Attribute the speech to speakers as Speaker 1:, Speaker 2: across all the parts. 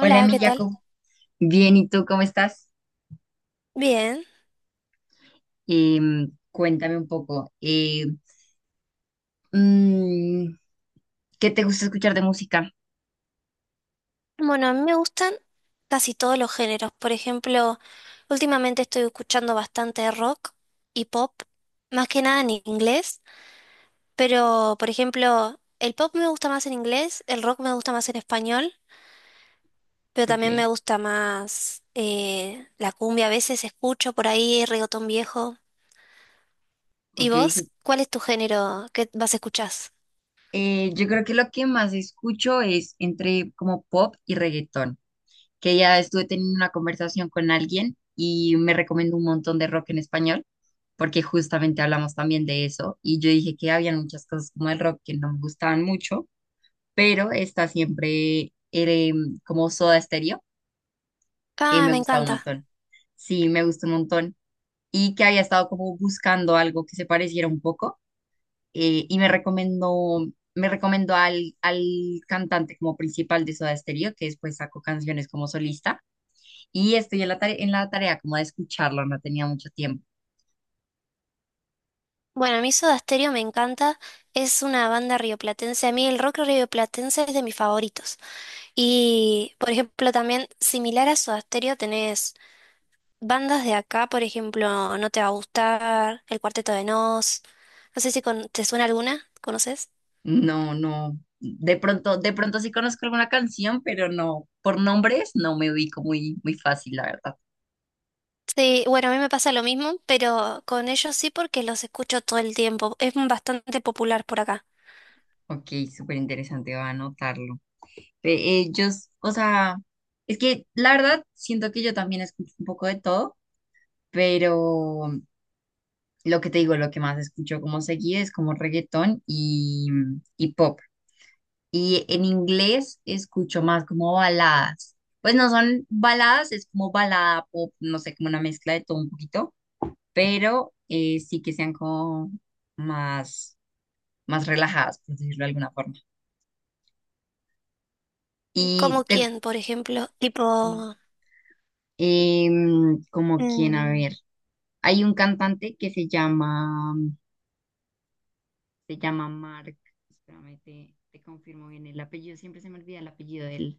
Speaker 1: Hola, mi
Speaker 2: ¿qué tal?
Speaker 1: Jacob. Bien, ¿y tú cómo estás?
Speaker 2: Bien.
Speaker 1: Cuéntame un poco. Mm, ¿Qué te gusta escuchar de música?
Speaker 2: Bueno, a mí me gustan casi todos los géneros. Por ejemplo, últimamente estoy escuchando bastante rock y pop, más que nada en inglés, pero por ejemplo, el pop me gusta más en inglés, el rock me gusta más en español, pero
Speaker 1: Ok,
Speaker 2: también me gusta más la cumbia. A veces escucho por ahí reggaetón viejo. ¿Y
Speaker 1: ok.
Speaker 2: vos? ¿Cuál es tu género que vas a escuchar?
Speaker 1: Yo creo que lo que más escucho es entre como pop y reggaetón, que ya estuve teniendo una conversación con alguien y me recomendó un montón de rock en español, porque justamente hablamos también de eso y yo dije que había muchas cosas como el rock que no me gustaban mucho, pero está siempre como Soda Stereo. Y
Speaker 2: Ah,
Speaker 1: me
Speaker 2: me
Speaker 1: gusta un
Speaker 2: encanta.
Speaker 1: montón. Sí, me gusta un montón. Y que había estado como buscando algo que se pareciera un poco. Y me recomendó al cantante como principal de Soda Stereo, que después sacó canciones como solista. Y estoy en la tarea como de escucharlo, no tenía mucho tiempo.
Speaker 2: Bueno, a mí Soda Stereo me encanta, es una banda rioplatense, a mí el rock rioplatense es de mis favoritos. Y, por ejemplo, también similar a Soda Stereo tenés bandas de acá, por ejemplo, No te va a gustar, El Cuarteto de Nos, no sé si te suena alguna, ¿conoces?
Speaker 1: No, no. De pronto sí conozco alguna canción, pero no, por nombres no me ubico muy, muy fácil, la verdad.
Speaker 2: Sí, bueno, a mí me pasa lo mismo, pero con ellos sí porque los escucho todo el tiempo, es bastante popular por acá.
Speaker 1: Ok, súper interesante, voy a anotarlo. Ve, ellos, o sea, es que la verdad siento que yo también escucho un poco de todo, pero lo que te digo, lo que más escucho como seguido es como reggaetón y pop. Y en inglés escucho más como baladas. Pues no son baladas, es como balada pop, no sé, como una mezcla de todo un poquito, pero sí que sean como más, más relajadas, por decirlo de alguna forma. Y
Speaker 2: ¿Como
Speaker 1: te,
Speaker 2: quién, por ejemplo? Tipo,
Speaker 1: como quien, a
Speaker 2: mm,
Speaker 1: ver. Hay un cantante que se llama Mark, espérame, te confirmo bien el apellido, siempre se me olvida el apellido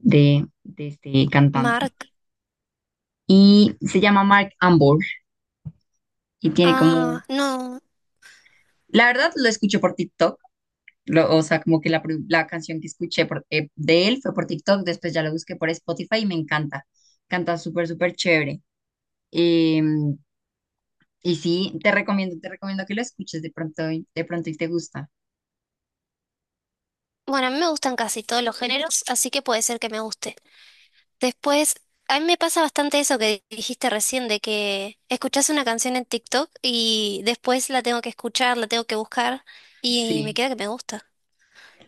Speaker 1: de este cantante.
Speaker 2: Mark.
Speaker 1: Y se llama Mark Ambor y tiene como,
Speaker 2: Ah, no.
Speaker 1: la verdad lo escuché por TikTok, o sea, como que la canción que escuché de él fue por TikTok, después ya lo busqué por Spotify y me encanta, canta súper, súper chévere. Em, y sí, te recomiendo que lo escuches de pronto, de pronto y te gusta.
Speaker 2: Bueno, a mí me gustan casi todos los géneros, así que puede ser que me guste. Después, a mí me pasa bastante eso que dijiste recién, de que escuchás una canción en TikTok y después la tengo que escuchar, la tengo que buscar y me
Speaker 1: Sí.
Speaker 2: queda que me gusta.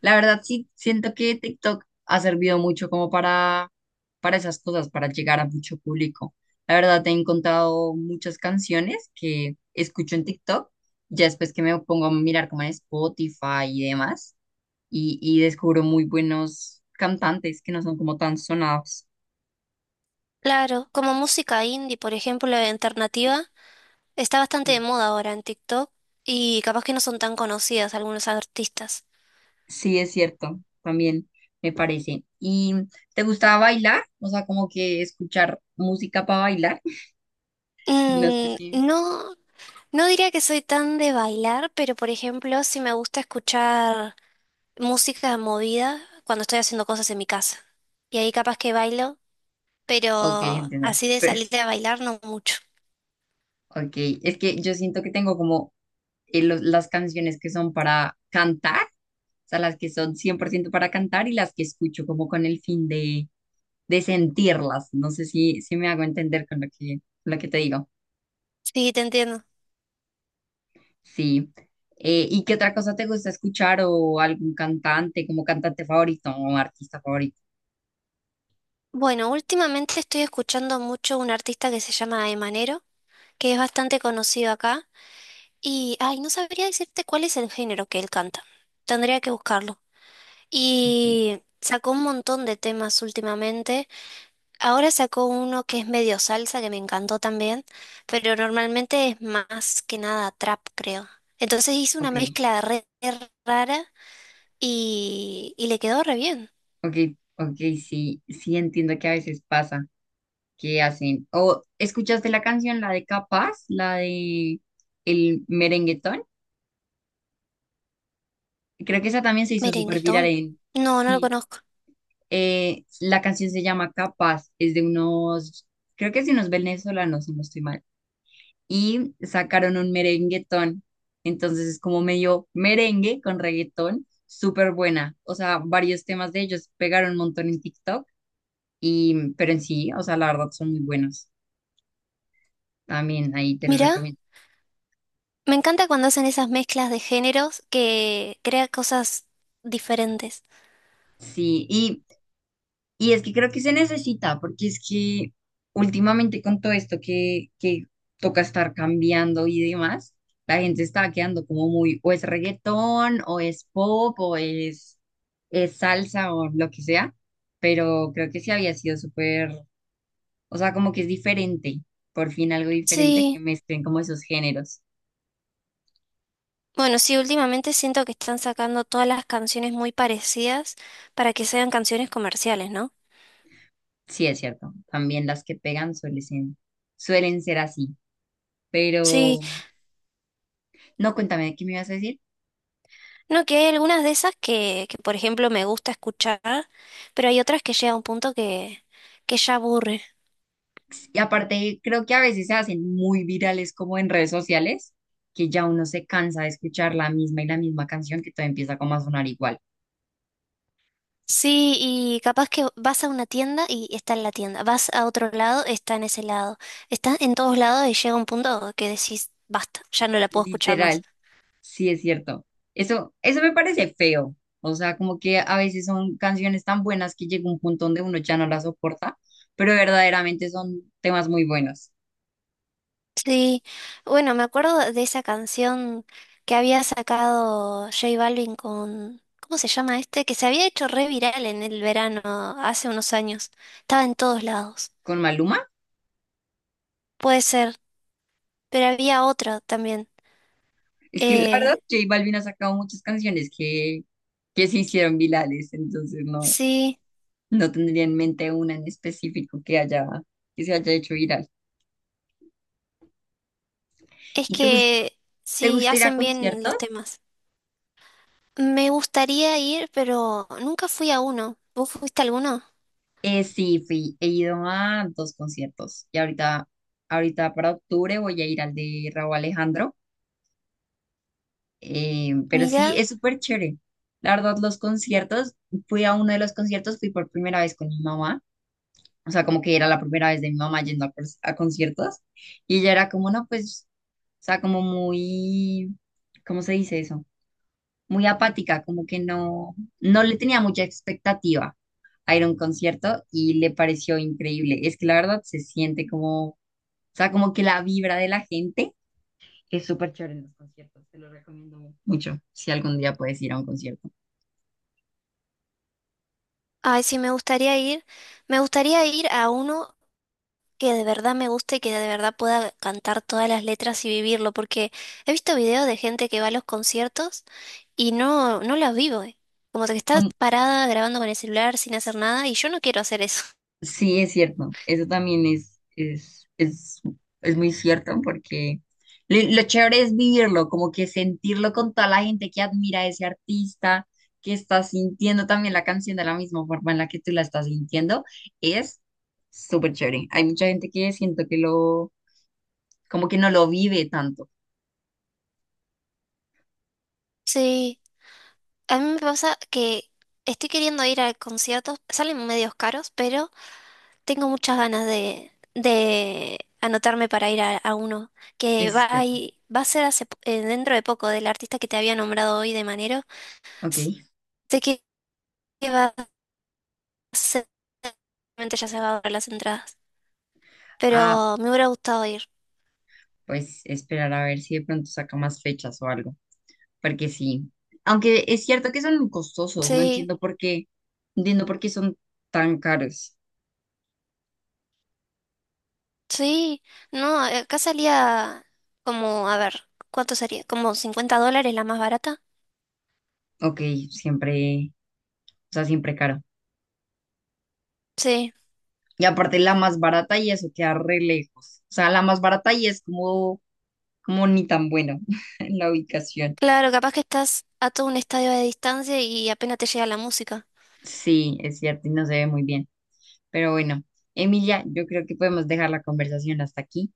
Speaker 1: La verdad, sí, siento que TikTok ha servido mucho como para esas cosas, para llegar a mucho público. La verdad, he encontrado muchas canciones que escucho en TikTok, ya después que me pongo a mirar como en Spotify y demás, y descubro muy buenos cantantes que no son como tan sonados.
Speaker 2: Claro, como música indie, por ejemplo, la alternativa, está bastante de
Speaker 1: Y
Speaker 2: moda ahora en TikTok y capaz que no son tan conocidas algunos artistas.
Speaker 1: sí, es cierto, también me parece. ¿Y te gusta bailar? O sea, como que escuchar música para bailar. No sé
Speaker 2: Mm,
Speaker 1: si...
Speaker 2: no, no diría que soy tan de bailar, pero por ejemplo, si me gusta escuchar música movida cuando estoy haciendo cosas en mi casa. Y ahí capaz que bailo, pero
Speaker 1: Ok, entiendo.
Speaker 2: así de salirte a bailar no mucho.
Speaker 1: Ok, es que yo siento que tengo como las canciones que son para cantar, o sea, las que son 100% para cantar y las que escucho como con el fin de sentirlas. No sé si, si me hago entender con lo que te digo.
Speaker 2: Sí, te entiendo.
Speaker 1: Sí. ¿Y qué otra cosa te gusta escuchar o algún cantante, como cantante favorito o artista favorito?
Speaker 2: Bueno, últimamente estoy escuchando mucho un artista que se llama Emanero, que es bastante conocido acá. Y, ay, no sabría decirte cuál es el género que él canta. Tendría que buscarlo.
Speaker 1: Ok,
Speaker 2: Y sacó un montón de temas últimamente. Ahora sacó uno que es medio salsa, que me encantó también, pero normalmente es más que nada trap, creo. Entonces hice una
Speaker 1: ok,
Speaker 2: mezcla re, re rara y le quedó re bien.
Speaker 1: ok, ok, sí, sí entiendo que a veces pasa. Que hacen. ¿O escuchaste la canción, la de Capaz, la de el merenguetón? Creo que esa también se hizo súper viral
Speaker 2: Merenguetón.
Speaker 1: en...
Speaker 2: No, no lo
Speaker 1: Sí,
Speaker 2: conozco.
Speaker 1: la canción se llama Capaz, es de unos, creo que es de unos venezolanos, si no estoy mal. Y sacaron un merenguetón, entonces es como medio merengue con reggaetón, súper buena. O sea, varios temas de ellos pegaron un montón en TikTok, y, pero en sí, o sea, la verdad son muy buenos. También ahí te lo
Speaker 2: Mirá,
Speaker 1: recomiendo.
Speaker 2: me encanta cuando hacen esas mezclas de géneros que crea cosas diferentes.
Speaker 1: Sí, y es que creo que se necesita, porque es que últimamente con todo esto que toca estar cambiando y demás, la gente está quedando como muy, o es reggaetón, o es pop, es salsa, o lo que sea, pero creo que sí había sido súper, o sea, como que es diferente, por fin algo diferente que
Speaker 2: Sí,
Speaker 1: mezclen como esos géneros.
Speaker 2: bueno, sí, últimamente siento que están sacando todas las canciones muy parecidas para que sean canciones comerciales, ¿no?
Speaker 1: Sí, es cierto, también las que pegan suelen, suelen ser así, pero
Speaker 2: Sí.
Speaker 1: no, cuéntame, ¿qué me ibas a decir?
Speaker 2: No, que hay algunas de esas que, por ejemplo, me gusta escuchar, pero hay otras que llega a un punto que ya aburre.
Speaker 1: Y aparte, creo que a veces se hacen muy virales como en redes sociales, que ya uno se cansa de escuchar la misma y la misma canción que todo empieza como a sonar igual.
Speaker 2: Sí, y capaz que vas a una tienda y está en la tienda, vas a otro lado, está en ese lado, está en todos lados y llega un punto que decís, basta, ya no la puedo escuchar más.
Speaker 1: Literal, sí es cierto. Eso me parece feo. O sea, como que a veces son canciones tan buenas que llega un punto donde uno ya no las soporta, pero verdaderamente son temas muy buenos.
Speaker 2: Sí, bueno, me acuerdo de esa canción que había sacado J Balvin con, ¿cómo se llama este? Que se había hecho re viral en el verano hace unos años, estaba en todos lados.
Speaker 1: Con Maluma,
Speaker 2: Puede ser. Pero había otra también.
Speaker 1: es que la verdad,
Speaker 2: Eh,
Speaker 1: J Balvin ha sacado muchas canciones que se hicieron virales, entonces no.
Speaker 2: sí,
Speaker 1: No tendría en mente una en específico que haya, que se haya hecho viral.
Speaker 2: es
Speaker 1: ¿Y
Speaker 2: que
Speaker 1: te
Speaker 2: sí,
Speaker 1: gusta ir a
Speaker 2: hacen bien los
Speaker 1: conciertos?
Speaker 2: temas. Me gustaría ir, pero nunca fui a uno. ¿Vos fuiste a alguno?
Speaker 1: Sí, fui, he ido a 2 conciertos y ahorita, ahorita para octubre voy a ir al de Raúl Alejandro, pero sí,
Speaker 2: Mira,
Speaker 1: es súper chévere. La verdad, los conciertos, fui a uno de los conciertos, fui por primera vez con mi mamá, o sea, como que era la primera vez de mi mamá yendo a, a conciertos y ella era como, no, pues, o sea, como muy, ¿cómo se dice eso? Muy apática, como que no, no le tenía mucha expectativa a ir a un concierto y le pareció increíble. Es que la verdad se siente como, o sea, como que la vibra de la gente es súper chévere en los conciertos. Te lo recomiendo mucho si algún día puedes ir a un concierto.
Speaker 2: ay, sí, me gustaría ir. Me gustaría ir a uno que de verdad me guste y que de verdad pueda cantar todas las letras y vivirlo, porque he visto videos de gente que va a los conciertos y no, no los vivo, eh. Como que estás
Speaker 1: Como
Speaker 2: parada grabando con el celular sin hacer nada y yo no quiero hacer eso.
Speaker 1: sí, es cierto. Eso también es muy cierto porque lo chévere es vivirlo, como que sentirlo con toda la gente que admira a ese artista, que está sintiendo también la canción de la misma forma en la que tú la estás sintiendo, es súper chévere. Hay mucha gente que siento que lo, como que no lo vive tanto.
Speaker 2: Sí. A mí me pasa que estoy queriendo ir a conciertos, salen medios caros, pero tengo muchas ganas de anotarme para ir a uno, que
Speaker 1: Eso es
Speaker 2: va a,
Speaker 1: cierto.
Speaker 2: va a ser dentro de poco del artista que te había nombrado hoy de Manero.
Speaker 1: Ok.
Speaker 2: Sé que va a ser, seguramente ya se va a agotar las entradas,
Speaker 1: Ah,
Speaker 2: pero me hubiera gustado ir.
Speaker 1: pues esperar a ver si de pronto saca más fechas o algo. Porque sí. Aunque es cierto que son costosos, no
Speaker 2: Sí,
Speaker 1: entiendo por qué, no entiendo por qué son tan caros.
Speaker 2: sí, no, acá salía como, a ver, ¿cuánto sería? ¿Como 50 dólares la más barata?
Speaker 1: Ok, siempre, o sea, siempre caro.
Speaker 2: Sí.
Speaker 1: Y aparte la más barata y eso queda re lejos. O sea, la más barata y es como, como ni tan bueno la ubicación.
Speaker 2: Claro, capaz que estás a todo un estadio de distancia y apenas te llega la música.
Speaker 1: Sí, es cierto y no se ve muy bien. Pero bueno, Emilia, yo creo que podemos dejar la conversación hasta aquí.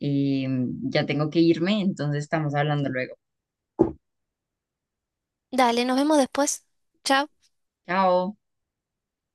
Speaker 1: Eh, ya tengo que irme, entonces estamos hablando luego.
Speaker 2: Dale, nos vemos después. Chao.
Speaker 1: Chao.